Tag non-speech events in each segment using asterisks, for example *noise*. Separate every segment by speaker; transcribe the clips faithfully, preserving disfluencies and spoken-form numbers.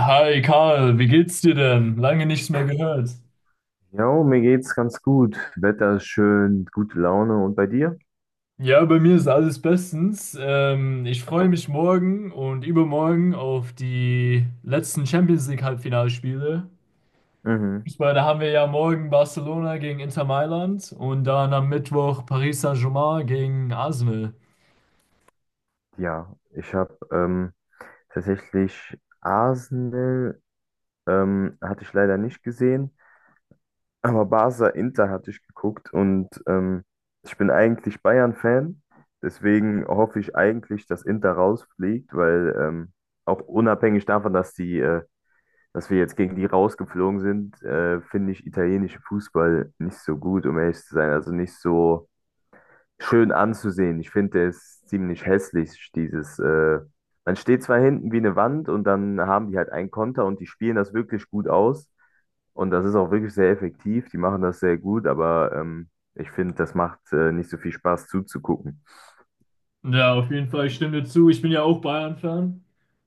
Speaker 1: Hi Karl, wie geht's dir denn? Lange nichts mehr gehört.
Speaker 2: Jo, mir geht's ganz gut. Wetter ist schön, gute Laune. Und bei dir?
Speaker 1: Ja, bei mir ist alles bestens. Ähm, ich freue mich morgen und übermorgen auf die letzten Champions League Halbfinalspiele.
Speaker 2: Mhm.
Speaker 1: Fußball, da haben wir ja morgen Barcelona gegen Inter Mailand und dann am Mittwoch Paris Saint-Germain gegen Arsenal.
Speaker 2: Ja, ich habe ähm, tatsächlich Arsenal, ähm, hatte ich leider nicht gesehen, aber Barca Inter hatte ich geguckt und ähm, ich bin eigentlich Bayern-Fan, deswegen hoffe ich eigentlich, dass Inter rausfliegt, weil ähm, auch unabhängig davon, dass die, äh, dass wir jetzt gegen die rausgeflogen sind, äh, finde ich italienischen Fußball nicht so gut, um ehrlich zu sein. Also nicht so schön anzusehen. Ich finde, der ist ziemlich hässlich, dieses, äh, man steht zwar hinten wie eine Wand und dann haben die halt einen Konter und die spielen das wirklich gut aus. Und das ist auch wirklich sehr effektiv. Die machen das sehr gut, aber ähm, ich finde, das macht äh, nicht so viel Spaß zuzugucken.
Speaker 1: Ja, auf jeden Fall, ich stimme dir zu. Ich bin ja auch Bayern-Fan.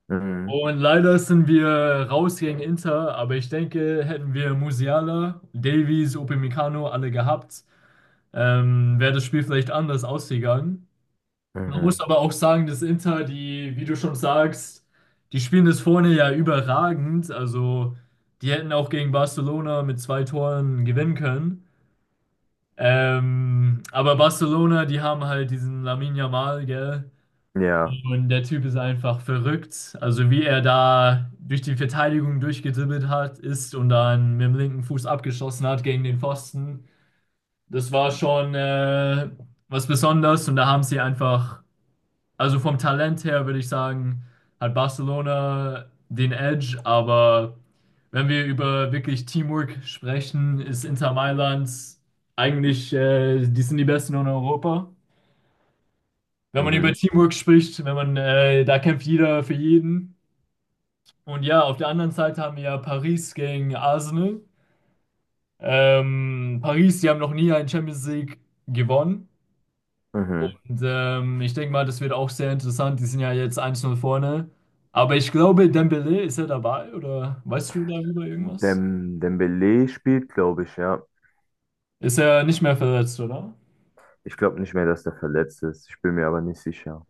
Speaker 2: Mhm.
Speaker 1: Und leider sind wir raus gegen Inter, aber ich denke, hätten wir Musiala, Davies, Upamecano alle gehabt, ähm, wäre das Spiel vielleicht anders ausgegangen. Man muss
Speaker 2: Mhm.
Speaker 1: aber auch sagen, dass Inter, die, wie du schon sagst, die spielen das vorne ja überragend. Also die hätten auch gegen Barcelona mit zwei Toren gewinnen können. Ähm, aber Barcelona, die haben halt diesen Lamine Yamal, gell?
Speaker 2: Ja.
Speaker 1: Und der Typ ist einfach verrückt. Also wie er da durch die Verteidigung durchgedribbelt hat, ist und dann mit dem linken Fuß abgeschossen hat gegen den Pfosten. Das war schon äh, was Besonderes, und da haben sie einfach, also vom Talent her würde ich sagen, hat Barcelona den Edge, aber wenn wir über wirklich Teamwork sprechen, ist Inter Mailand eigentlich, äh, die sind die Besten in Europa. Wenn man über
Speaker 2: Mhm.
Speaker 1: Teamwork spricht, wenn man, äh, da kämpft jeder für jeden. Und ja, auf der anderen Seite haben wir ja Paris gegen Arsenal. Ähm, Paris, die haben noch nie einen Champions League gewonnen.
Speaker 2: Mhm.
Speaker 1: Und, ähm, ich denke mal, das wird auch sehr interessant. Die sind ja jetzt eins null vorne. Aber ich glaube, Dembélé, ist er dabei oder weißt du darüber irgendwas?
Speaker 2: Dem, Dembele spielt, glaube ich, ja.
Speaker 1: Ist er nicht mehr verletzt, oder?
Speaker 2: Ich glaube nicht mehr, dass der verletzt ist. Ich bin mir aber nicht sicher.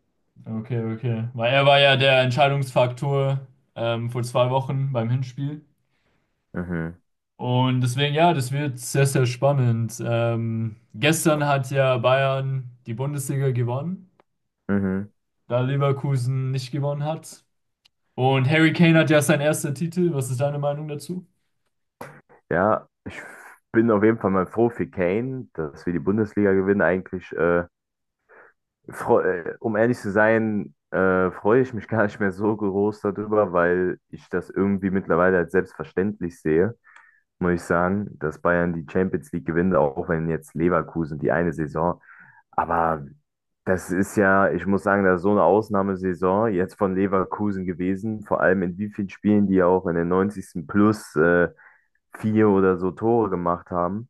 Speaker 1: Okay, okay. Weil er war ja der Entscheidungsfaktor ähm, vor zwei Wochen beim Hinspiel.
Speaker 2: Mhm.
Speaker 1: Und deswegen, ja, das wird sehr, sehr spannend. Ähm, gestern hat ja Bayern die Bundesliga gewonnen,
Speaker 2: Mhm.
Speaker 1: da Leverkusen nicht gewonnen hat. Und Harry Kane hat ja seinen ersten Titel. Was ist deine Meinung dazu?
Speaker 2: Ja, ich bin auf jeden Fall mal froh für Kane, dass wir die Bundesliga gewinnen. Eigentlich, äh, freu- äh, um ehrlich zu sein, äh, freue ich mich *laughs* gar nicht mehr so groß darüber, weil ich das irgendwie mittlerweile als selbstverständlich sehe, muss ich sagen, dass Bayern die Champions League gewinnt, auch wenn jetzt Leverkusen die eine Saison. Aber das ist ja, ich muss sagen, das ist so eine Ausnahmesaison jetzt von Leverkusen gewesen, vor allem in wie vielen Spielen die auch in den neunzigsten plus äh, vier oder so Tore gemacht haben.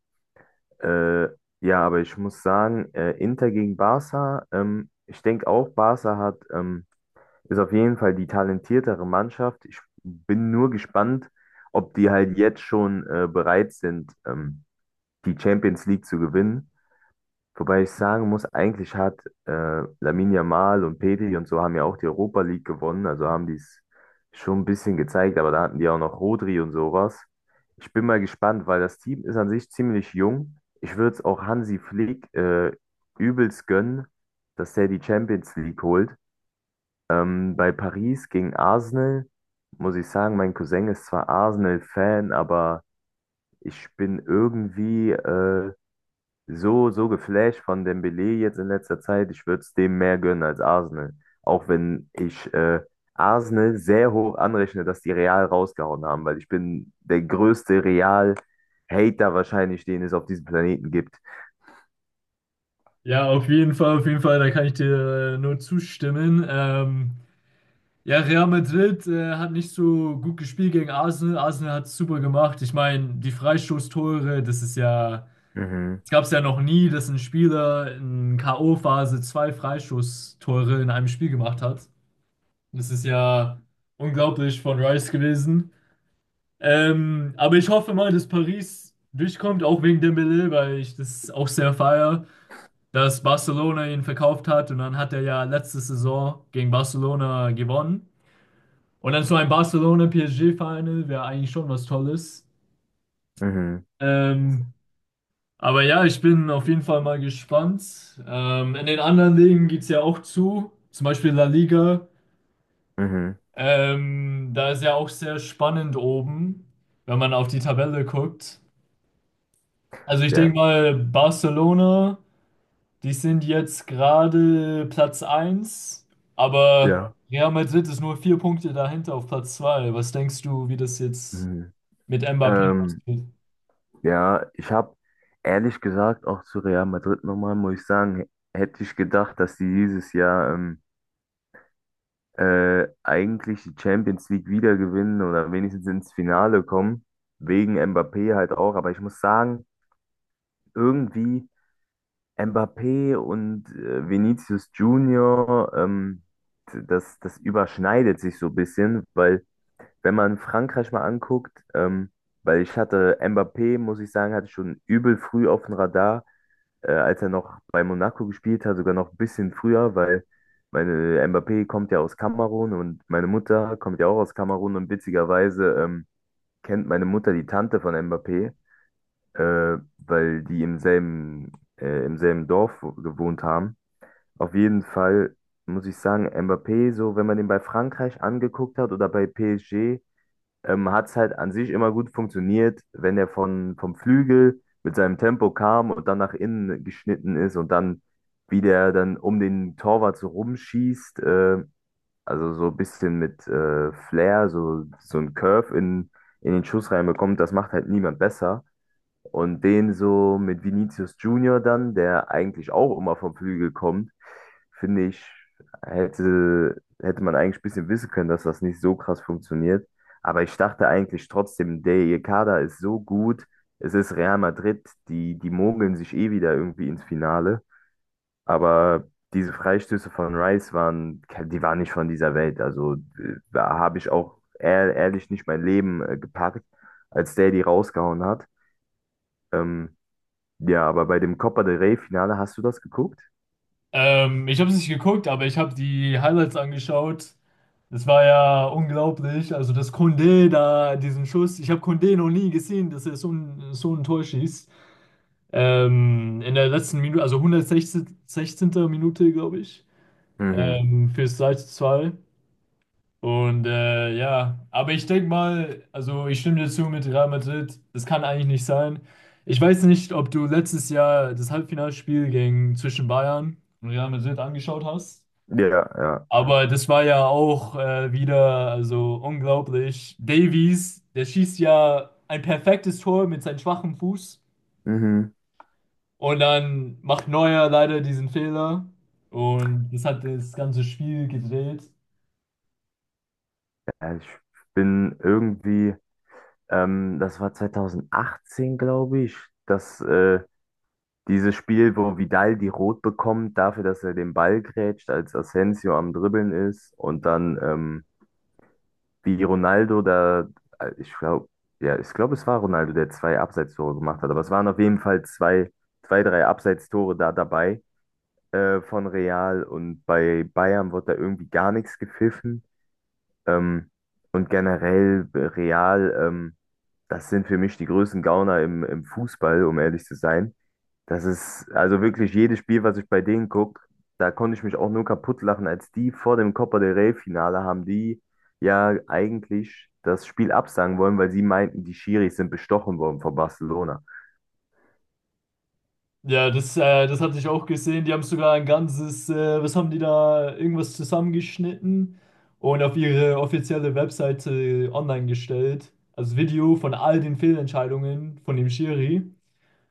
Speaker 2: Äh, ja, aber ich muss sagen, äh, Inter gegen Barca, ähm, ich denke auch, Barca hat, ähm, ist auf jeden Fall die talentiertere Mannschaft. Ich bin nur gespannt, ob die halt jetzt schon äh, bereit sind, ähm, die Champions League zu gewinnen. Wobei ich sagen muss, eigentlich hat äh, Lamine Yamal und Pedri und so haben ja auch die Europa League gewonnen, also haben die es schon ein bisschen gezeigt, aber da hatten die auch noch Rodri und sowas. Ich bin mal gespannt, weil das Team ist an sich ziemlich jung. Ich würde es auch Hansi Flick äh, übelst gönnen, dass der die Champions League holt. Ähm, bei Paris gegen Arsenal muss ich sagen, mein Cousin ist zwar Arsenal-Fan, aber ich bin irgendwie äh, so, so geflasht von Dembélé jetzt in letzter Zeit. Ich würde es dem mehr gönnen als Arsenal. Auch wenn ich äh, Arsenal sehr hoch anrechne, dass die Real rausgehauen haben, weil ich bin der größte Real-Hater wahrscheinlich, den es auf diesem Planeten gibt.
Speaker 1: Ja, auf jeden Fall, auf jeden Fall, da kann ich dir äh, nur zustimmen. Ähm, ja, Real Madrid äh, hat nicht so gut gespielt gegen Arsenal. Arsenal hat es super gemacht. Ich meine, die Freistoßtore, das ist ja,
Speaker 2: Mhm,
Speaker 1: das gab es ja noch nie, dass ein Spieler in K o-Phase zwei Freistoßtore in einem Spiel gemacht hat. Das ist ja unglaublich von Rice gewesen. Ähm, aber ich hoffe mal, dass Paris durchkommt, auch wegen Dembélé, weil ich das auch sehr feiere, dass Barcelona ihn verkauft hat und dann hat er ja letzte Saison gegen Barcelona gewonnen. Und dann so ein Barcelona-P S G-Final wäre eigentlich schon was Tolles.
Speaker 2: mhm,
Speaker 1: Ähm, aber ja, ich bin auf jeden Fall mal gespannt. Ähm, in den anderen Ligen geht es ja auch zu, zum Beispiel La Liga.
Speaker 2: mhm.
Speaker 1: Ähm, da ist ja auch sehr spannend oben, wenn man auf die Tabelle guckt. Also ich
Speaker 2: Ja,
Speaker 1: denke mal, Barcelona. Die sind jetzt gerade Platz eins, aber
Speaker 2: ja.
Speaker 1: Real Madrid ist nur vier Punkte dahinter auf Platz zwei. Was denkst du, wie das jetzt
Speaker 2: Mhm.
Speaker 1: mit Mbappé
Speaker 2: Ähm,
Speaker 1: geht?
Speaker 2: ja, ich habe ehrlich gesagt auch zu Real Madrid nochmal, muss ich sagen, h- hätte ich gedacht, dass sie dieses Jahr ähm, äh, eigentlich die Champions League wieder gewinnen oder wenigstens ins Finale kommen, wegen Mbappé halt auch. Aber ich muss sagen, irgendwie Mbappé und äh, Vinicius Junior, ähm, d- das, das überschneidet sich so ein bisschen, weil wenn man Frankreich mal anguckt, ähm, weil ich hatte Mbappé, muss ich sagen, hatte ich schon übel früh auf dem Radar äh, als er noch bei Monaco gespielt hat, sogar noch ein bisschen früher, weil meine Mbappé kommt ja aus Kamerun und meine Mutter kommt ja auch aus Kamerun und witzigerweise ähm, kennt meine Mutter die Tante von Mbappé, äh, weil die im selben, äh, im selben Dorf wo- gewohnt haben. Auf jeden Fall muss ich sagen, Mbappé, so wenn man den bei Frankreich angeguckt hat oder bei P S G, ähm, hat es halt an sich immer gut funktioniert, wenn er von, vom Flügel mit seinem Tempo kam und dann nach innen geschnitten ist und dann, wie der dann um den Torwart so rumschießt, äh, also so ein bisschen mit äh, Flair, so, so ein Curve in, in den Schuss reinbekommt, das macht halt niemand besser. Und den so mit Vinicius Junior dann, der eigentlich auch immer vom Flügel kommt, finde ich, hätte, hätte man eigentlich ein bisschen wissen können, dass das nicht so krass funktioniert. Aber ich dachte eigentlich trotzdem, der ihr Kader ist so gut. Es ist Real Madrid, die, die mogeln sich eh wieder irgendwie ins Finale. Aber diese Freistöße von Rice waren, die waren nicht von dieser Welt. Also äh, da habe ich auch ehr- ehrlich nicht mein Leben äh, gepackt, als der die rausgehauen hat. Ähm, ja, aber bei dem Copa del Rey-Finale hast du das geguckt?
Speaker 1: Ähm, ich habe es nicht geguckt, aber ich habe die Highlights angeschaut. Das war ja unglaublich. Also, dass Koundé da diesen Schuss, ich habe Koundé noch nie gesehen, dass er so ein, so ein Tor schießt. Ähm, in der letzten Minute, also hundertsechzehnter. Minute, glaube ich,
Speaker 2: Mhm.
Speaker 1: ähm, fürs drei zu zwei. Und äh, ja, aber ich denke mal, also ich stimme dir zu mit Real Madrid, das kann eigentlich nicht sein. Ich weiß nicht, ob du letztes Jahr das Halbfinalspiel gegen zwischen Bayern und Real Madrid angeschaut hast,
Speaker 2: Ja, ja, ja.
Speaker 1: aber das war ja auch äh, wieder also unglaublich. Davies, der schießt ja ein perfektes Tor mit seinem schwachen Fuß
Speaker 2: Mhm.
Speaker 1: und dann macht Neuer leider diesen Fehler und das hat das ganze Spiel gedreht.
Speaker 2: Ja, ich bin irgendwie, ähm, das war zwanzig achtzehn, glaube ich, dass äh, dieses Spiel, wo Vidal die Rot bekommt, dafür, dass er den Ball grätscht, als Asensio am Dribbeln ist und dann ähm, wie Ronaldo da, äh, ich glaube, ja, ich glaube, es war Ronaldo, der zwei Abseitstore gemacht hat, aber es waren auf jeden Fall zwei, zwei, drei Abseitstore da dabei äh, von Real und bei Bayern wird da irgendwie gar nichts gepfiffen. Ähm, und generell äh, Real, ähm, das sind für mich die größten Gauner im, im Fußball, um ehrlich zu sein. Das ist also wirklich jedes Spiel, was ich bei denen gucke, da konnte ich mich auch nur kaputt lachen, als die vor dem Copa del Rey-Finale haben die ja eigentlich das Spiel absagen wollen, weil sie meinten, die Schiris sind bestochen worden von Barcelona.
Speaker 1: Ja, das, äh, das hatte ich auch gesehen. Die haben sogar ein ganzes, äh, was haben die da, irgendwas zusammengeschnitten und auf ihre offizielle Webseite äh, online gestellt. Also Video von all den Fehlentscheidungen von dem Schiri.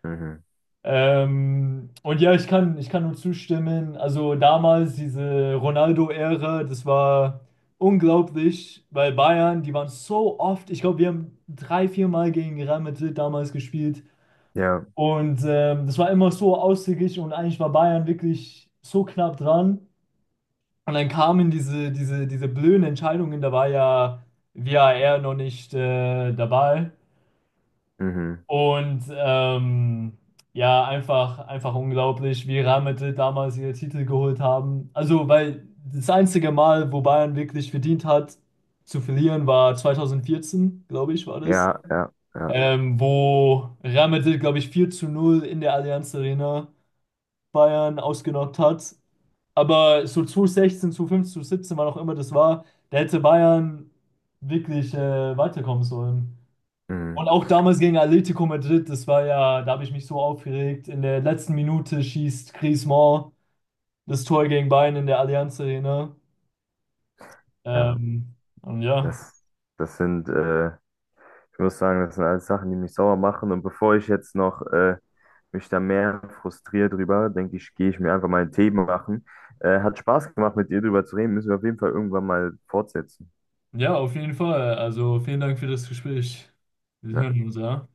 Speaker 2: Mhm.
Speaker 1: Ähm, und ja, ich kann, ich kann nur zustimmen. Also damals diese Ronaldo-Ära, das war unglaublich, weil Bayern, die waren so oft, ich glaube, wir haben drei, vier Mal gegen Real Madrid damals gespielt.
Speaker 2: Ja,
Speaker 1: Und ähm, das war immer so ausgeglichen und eigentlich war Bayern wirklich so knapp dran. Und dann kamen diese, diese, diese blöden Entscheidungen, da war ja var noch nicht äh, dabei.
Speaker 2: mhm.
Speaker 1: Und ähm, ja, einfach, einfach unglaublich, wie Real Madrid damals ihre Titel geholt haben. Also, weil das einzige Mal, wo Bayern wirklich verdient hat, zu verlieren, war zwanzig vierzehn, glaube ich, war das.
Speaker 2: Ja, ja, ja.
Speaker 1: Ähm, wo Real Madrid, glaube ich, vier zu null in der Allianz Arena Bayern ausgenockt hat. Aber so zwanzig sechzehn, zwanzig fünfzehn, zwanzig siebzehn, wann auch immer das war, da hätte Bayern wirklich äh, weiterkommen sollen.
Speaker 2: Mhm.
Speaker 1: Und auch damals gegen Atlético Madrid, das war ja, da habe ich mich so aufgeregt. In der letzten Minute schießt Griezmann das Tor gegen Bayern in der Allianz Arena.
Speaker 2: Ja,
Speaker 1: Ähm, und ja,
Speaker 2: das, das sind, äh, ich muss sagen, das sind alles Sachen, die mich sauer machen. Und bevor ich jetzt noch äh, mich da mehr frustriere drüber, denke ich, gehe ich mir einfach mal einen Tee machen. Äh, hat Spaß gemacht, mit dir drüber zu reden. Müssen wir auf jeden Fall irgendwann mal fortsetzen.
Speaker 1: ja, auf jeden Fall. Also vielen Dank für das Gespräch. Wir
Speaker 2: Ja.
Speaker 1: hören uns, ja.